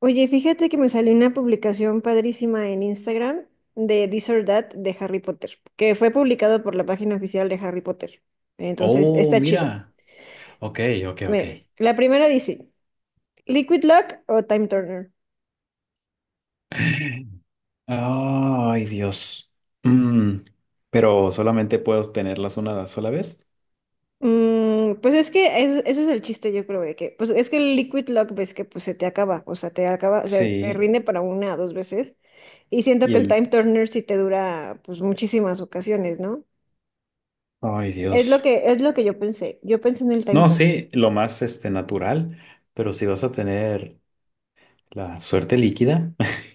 Oye, fíjate que me salió una publicación padrísima en Instagram de This or That de Harry Potter, que fue publicado por la página oficial de Harry Potter. Entonces, Oh, está chido. mira. Ok, ok, ok. Ve, la primera dice, ¿Liquid Luck o Time Turner? Ay, Dios. Mm, Pero solamente puedo tenerlas una sola vez. Pues es que eso es el chiste, yo creo, de que, pues es que el Liquid Luck ves que pues se te acaba, o sea, te acaba, o sea, te Sí. rinde para una o dos veces. Y siento Y que el el... Time Turner sí te dura pues muchísimas ocasiones, ¿no? Ay, Es lo Dios. que, es lo que yo pensé. Yo pensé en el Time No, Turner. sí, lo más natural, pero si vas a tener la suerte líquida.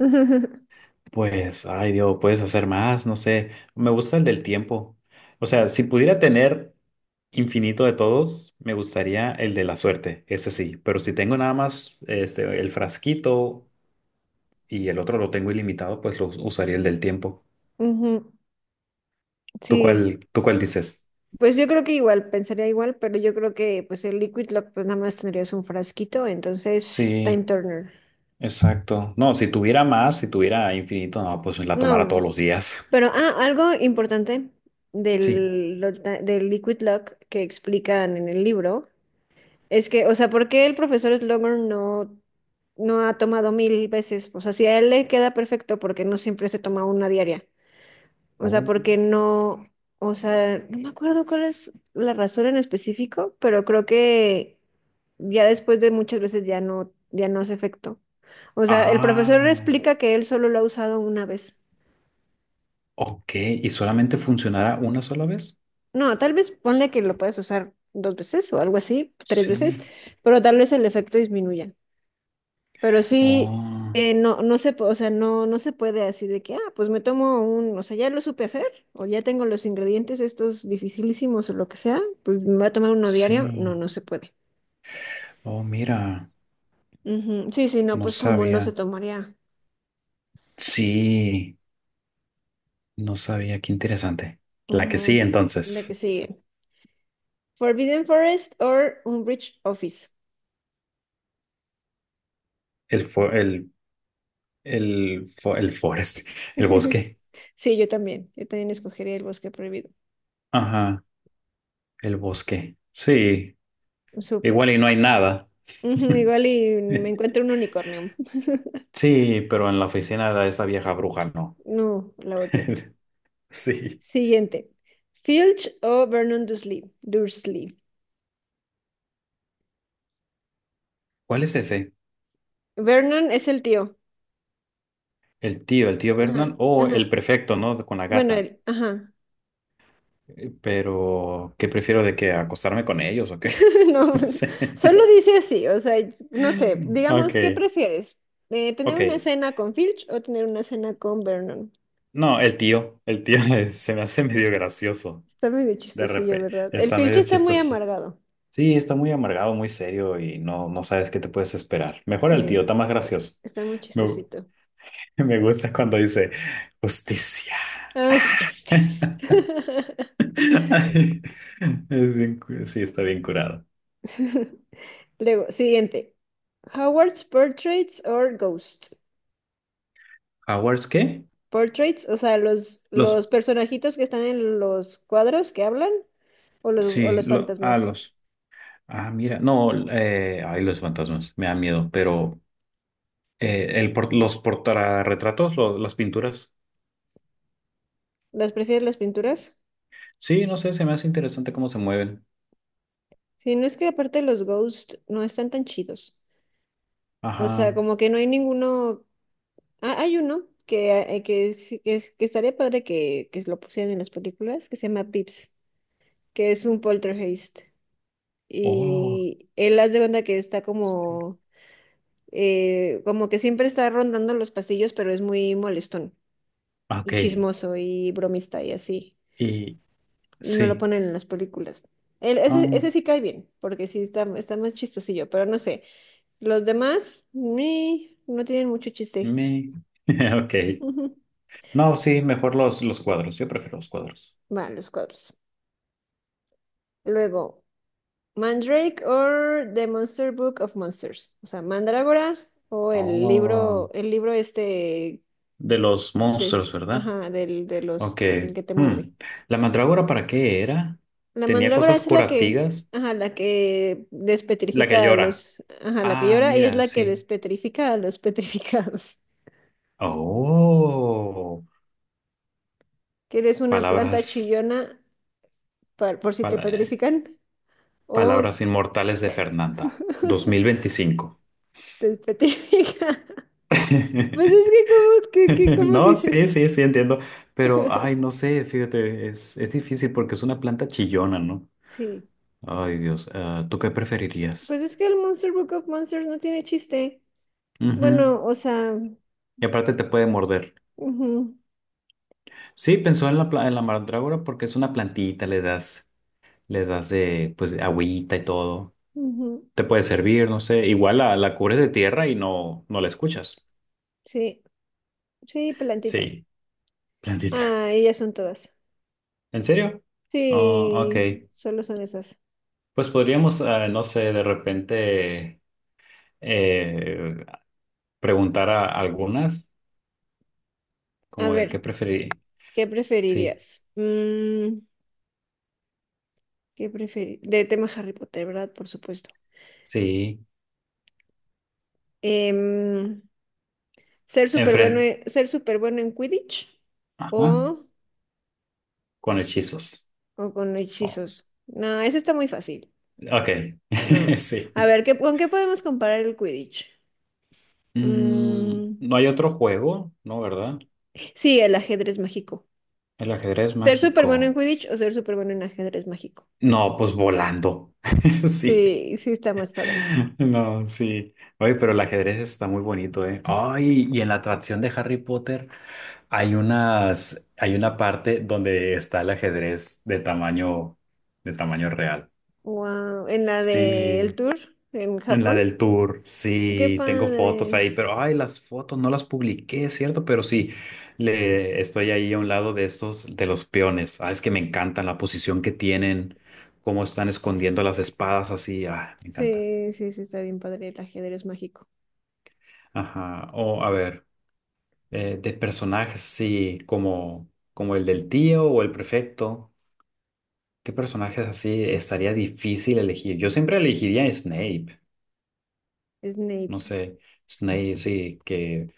Pues, ay Dios, puedes hacer más, no sé. Me gusta el del tiempo. O sea, si pudiera tener infinito de todos, me gustaría el de la suerte, ese sí. Pero si tengo nada más el frasquito y el otro lo tengo ilimitado, pues lo usaría el del tiempo. Ujú. ¿Tú Sí, cuál, tú cuál dices? pues yo creo que igual, pensaría igual, pero yo creo que pues el Liquid Lock pues nada más tendrías un frasquito, entonces Time Sí, Turner. exacto. No, si tuviera más, si tuviera infinito, no, pues la No, tomara todos los pues, días. pero algo importante Sí. Del Liquid Lock que explican en el libro es que, o sea, ¿por qué el profesor Slughorn no, no ha tomado mil veces? O sea, si a él le queda perfecto, ¿porque no siempre se toma una diaria? O sea, Oh. porque no, o sea, no me acuerdo cuál es la razón en específico, pero creo que ya después de muchas veces ya no hace efecto. O sea, el profesor Ah, explica que él solo lo ha usado una vez. ok. ¿Y solamente funcionará una sola vez? No, tal vez ponle que lo puedes usar dos veces o algo así, tres veces, Sí. pero tal vez el efecto disminuya. Pero sí, Oh, no, no se, po- o sea, no se puede así de que, pues o sea, ya lo supe hacer, o ya tengo los ingredientes estos dificilísimos o lo que sea, pues me voy a tomar uno diario. No, sí. no se puede. Oh, mira, Ujú. Sí, sí, no, no pues todo mundo se sabía. tomaría. Sí, no sabía. Qué interesante. La que sí, Ujú. La que entonces. sigue. Forbidden Forest or Umbridge Office. El fo- el, el forest, el bosque. Sí, yo también. Yo también escogería el bosque prohibido. Ajá, el bosque. Sí, Súper. igual y no hay nada. Ujú, igual y me encuentro un unicornio. Sí, pero en la oficina de esa vieja bruja no. No, la odio. Sí. Siguiente. Filch o Vernon Dursley. Dursley. ¿Cuál es ese? Vernon es el tío. El tío Ajá, Vernon o ajá. el prefecto, ¿no? Con la Bueno, gata. él, ajá. Pero, ¿qué prefiero de que acostarme con ellos o qué? No, No sé. solo dice así, o sea, no sé, Ok, digamos, ¿qué prefieres? ¿Tener ok. una cena con Filch o tener una cena con Vernon? No, el tío se me hace medio gracioso. Está medio De chistosillo, repente, ¿verdad? El está Filch medio está muy chistoso. amargado. Sí, está muy amargado, muy serio y no sabes qué te puedes esperar. Mejor el tío, Sí, está más eh, gracioso. está muy Me, gu- chistosito. me gusta cuando dice justicia. Ah, sí, justice. Sí, está bien curado. Luego, siguiente. Howard's Portraits or Ghost. ¿Howards qué? Portraits, o sea, Los, los personajitos que están en los cuadros que hablan o sí, los lo, fantasmas. los. Ah, mira, no, ay, los fantasmas, me da miedo, pero los portarretratos, las pinturas. ¿Las prefieres las pinturas? Sí, no sé, se me hace interesante cómo se mueven. Sí, no es que aparte los ghosts no están tan chidos. O sea, Ajá. como que no hay ninguno. Ah, hay uno que estaría padre que lo pusieran en las películas, que se llama Pips, que es un poltergeist. Oh, Y él hace de cuenta que está como que siempre está rondando los pasillos, pero es muy molestón. Y ok. chismoso y bromista y así. Y Y no lo sí. ponen en las películas. Ah, Ese sí cae bien, porque sí está más chistosillo, pero no sé. Los demás, ni, no tienen mucho chiste. me. Ok. Ujú. No, sí, mejor los cuadros. Yo prefiero los cuadros. Van los cuadros. Luego, Mandrake or The Monster Book of Monsters. O sea, Mandrágora o Oh. El libro este De los de, monstruos, ¿verdad? Los, Ok. el que te muerde. Hmm. ¿La mandrágora para qué era? La Tenía mandrágora cosas es la que, curativas. ajá, la que La que despetrifica a llora. los, ajá, la que Ah, llora y es mira, la que sí. despetrifica a los petrificados. Oh, Que eres una planta palabras, chillona por si te pala- petrifican o palabras inmortales de Fernanda, dos mil veinticinco te petrifica. Pues es que que cómo No, dices. sí, sí, sí, entiendo, pero, ay, no sé, fíjate, es difícil porque es una planta chillona, ¿no? Sí. Ay, Dios, ¿tú qué preferirías? Pues es que el Monster Book of Monsters no tiene chiste. Ujú. Bueno, o sea, Y aparte te puede morder. ujú, Sí, pensó en la mandrágora porque es una plantita, le das de, pues, agüita y todo. ujú. Te puede servir, no sé, igual la cubres de tierra y no la escuchas. Sí, sí, plantita. Sí, plantita. Ah, ellas son todas. ¿En serio? Oh, ok. Sí, solo son esas. Pues podríamos, no sé, de repente eh, preguntar a algunas, A como de qué ver, preferir. ¿qué Sí, preferirías? Mm, ¿qué preferir? De tema Harry Potter, ¿verdad? Por supuesto. sí. Em, Enfrente. ¿Ser súper bueno en Quidditch Ajá. o, Con hechizos. o con Oh, hechizos? No, eso está muy fácil. ok. No. Sí. A ver, ¿con qué podemos comparar el Quidditch? Mm, No hay otro juego, ¿no? ¿Verdad? sí, el ajedrez mágico. El ajedrez ¿Ser súper bueno en mágico. Quidditch o ser súper bueno en ajedrez mágico? No, pues volando. Sí. Sí, sí está más padre. No, sí. Oye, pero el ajedrez está muy bonito, ¿eh? Ay, y en la atracción de Harry Potter hay una parte donde está el ajedrez de tamaño real. Wow, en la del Sí, tour en en la Japón. del tour, Qué sí, tengo fotos padre. ahí, pero ay, las fotos no las publiqué, ¿cierto? Pero sí, le estoy ahí a un lado de estos, de los peones. Ah, es que me encantan la posición que tienen, cómo están escondiendo las espadas así. Ah, me encanta. Sí, sí, sí, está bien padre el ajedrez mágico. Ajá. O a ver. De personajes así como el del tío o el prefecto. ¿Qué personajes así estaría difícil elegir? Yo siempre elegiría a Snape. No Snape. sé, Snape, sí, que,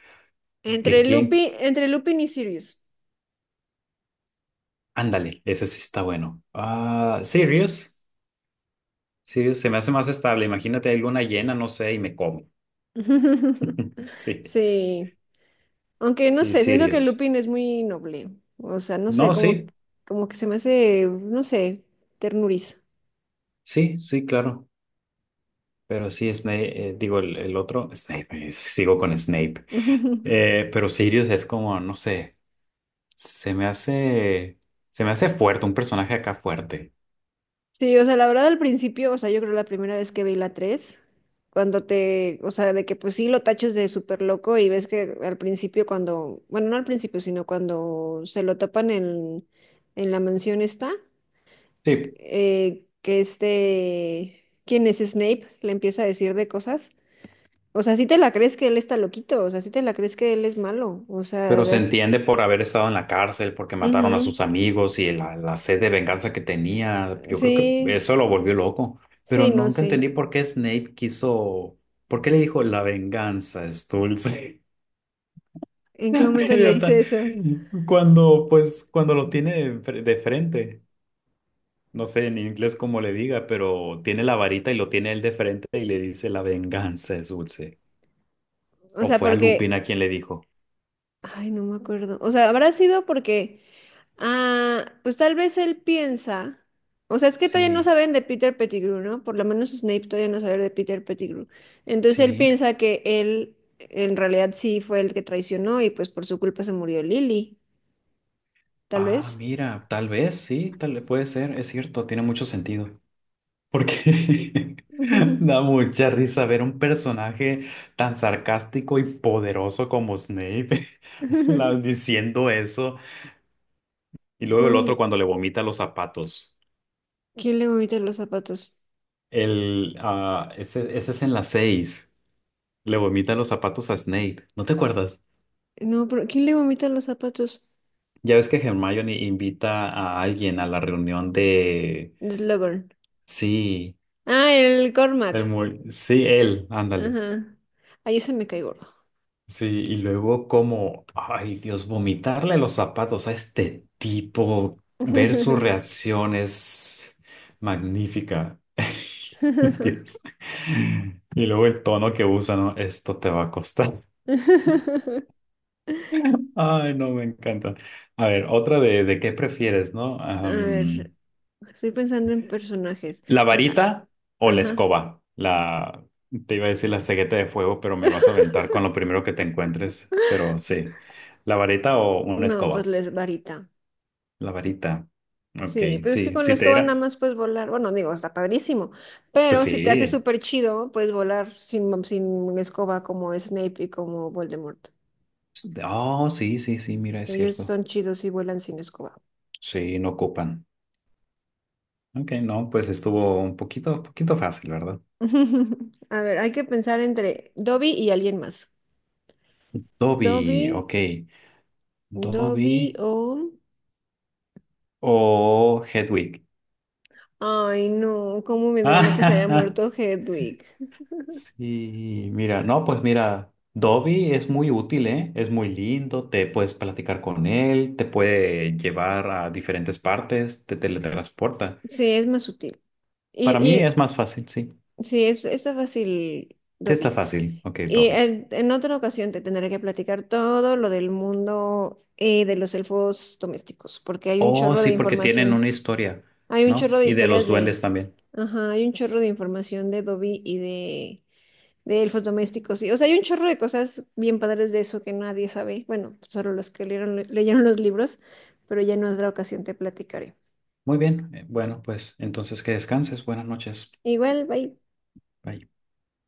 Entre que quién. Lupin y Sirius. Ándale, ese sí está bueno. Ah, Sirius. Sirius se me hace más estable. Imagínate alguna llena, no sé, y me come. Sí, Sí. Aunque no sí, sé, siento que Sirius. Lupin es muy noble. O sea, no sé, No, sí, como que se me hace, no sé, ternuriza. sí, sí, claro. Pero sí, Snape, digo, el otro, Snape, sigo con Snape. Pero Sirius es como, no sé. Se me hace, se me hace fuerte, un personaje acá fuerte. Sí, o sea, la verdad al principio, o sea, yo creo la primera vez que vi la 3, o sea, de que pues sí lo taches de súper loco y ves que al principio cuando, bueno, no al principio, sino cuando se lo tapan en la mansión esta, Sí, eh, que este, ¿quién es Snape? Le empieza a decir de cosas. O sea, sí te la crees que él está loquito, o sea, sí te la crees que él es malo, o sea, pero se das- entiende por haber estado en la cárcel, porque mataron a Ujú. sus amigos y la sed de venganza que tenía. Yo creo que Sí, eso lo volvió loco. Pero sí, no nunca sé. entendí por qué por qué le dijo la venganza es dulce. ¿En qué momento le Idiota. dice eso? Cuando lo tiene de frente. No sé en inglés cómo le diga, pero tiene la varita y lo tiene él de frente y le dice la venganza es dulce. O ¿O sea, fue a porque... Lupina quien le dijo? Ay, no me acuerdo. O sea, habrá sido porque, ah, pues tal vez él piensa, o sea, es que todavía no Sí, saben de Peter Pettigrew, ¿no? Por lo menos Snape todavía no sabe de Peter Pettigrew. Entonces él sí. piensa que él en realidad sí fue el que traicionó y pues por su culpa se murió Lily, tal Ah, vez. mira, tal vez, sí, tal vez puede ser, es cierto, tiene mucho sentido. Porque da mucha risa ver un personaje tan sarcástico y poderoso como Snape diciendo eso. Y luego el No, otro cuando le vomita los zapatos. ¿quién le vomita los zapatos? Ese es en las seis. Le vomita los zapatos a Snape. ¿No te acuerdas? No, pero ¿quién le vomita los zapatos? Ya ves que Hermione invita a alguien a la reunión de... Slughorn. Sí. Ah, el El Cormac. muy, sí, él, ándale. Ajá. Ahí se me cae gordo. Sí, y luego como, ay Dios, vomitarle los zapatos a este tipo, ver su reacción es magnífica. Dios. Y luego el tono que usa, ¿no? Esto te va a costar. Ay, no, me encanta. A ver, otra de qué prefieres, ¿no? A ver, estoy pensando en personajes. ¿La Ah, varita o la ajá. escoba? Te iba a decir la cegueta de fuego, pero me vas a aventar con lo primero que te encuentres. Pero sí, ¿la varita o una No, pues escoba? la varita. La varita. Ok, Sí, pero es que sí, con la sí te escoba nada era. más puedes volar. Bueno, digo, está padrísimo. Pues Pero si te hace sí. súper chido, puedes volar sin, sin escoba como Snape y como Voldemort. Oh, sí, sí, sí, mira, es Ellos cierto. son chidos y vuelan sin escoba. Sí, no ocupan. Ok, no, pues estuvo un poquito, poquito fácil, ¿verdad? A ver, hay que pensar entre Dobby y alguien más. Dobby, Dobby, ok. Dobby Dobby o... o Hedwig. Ay, no, cómo me duele que se haya muerto Hedwig. Sí, mira, no, pues mira, Dobby es muy útil, ¿eh? Es muy lindo, te puedes platicar con él, te puede llevar a diferentes partes, te teletransporta. Sí, es más sutil. Para mí es Y, más fácil, sí. y sí, está fácil, Te está Dobby. fácil, ok, Y Dobby. En otra ocasión te tendré que platicar todo lo del mundo de los elfos domésticos, porque hay un Oh, chorro de sí, porque tienen información. una historia, Hay un ¿no? chorro de Y de los historias duendes de... también. Ajá, hay un chorro de información de Dobby de elfos domésticos. Y, o sea, hay un chorro de cosas bien padres de eso que nadie sabe. Bueno, solo los que leyeron los libros pero ya en otra ocasión te platicaré. Muy bien, bueno, pues entonces que descanses, buenas noches. Igual, bye. Bye.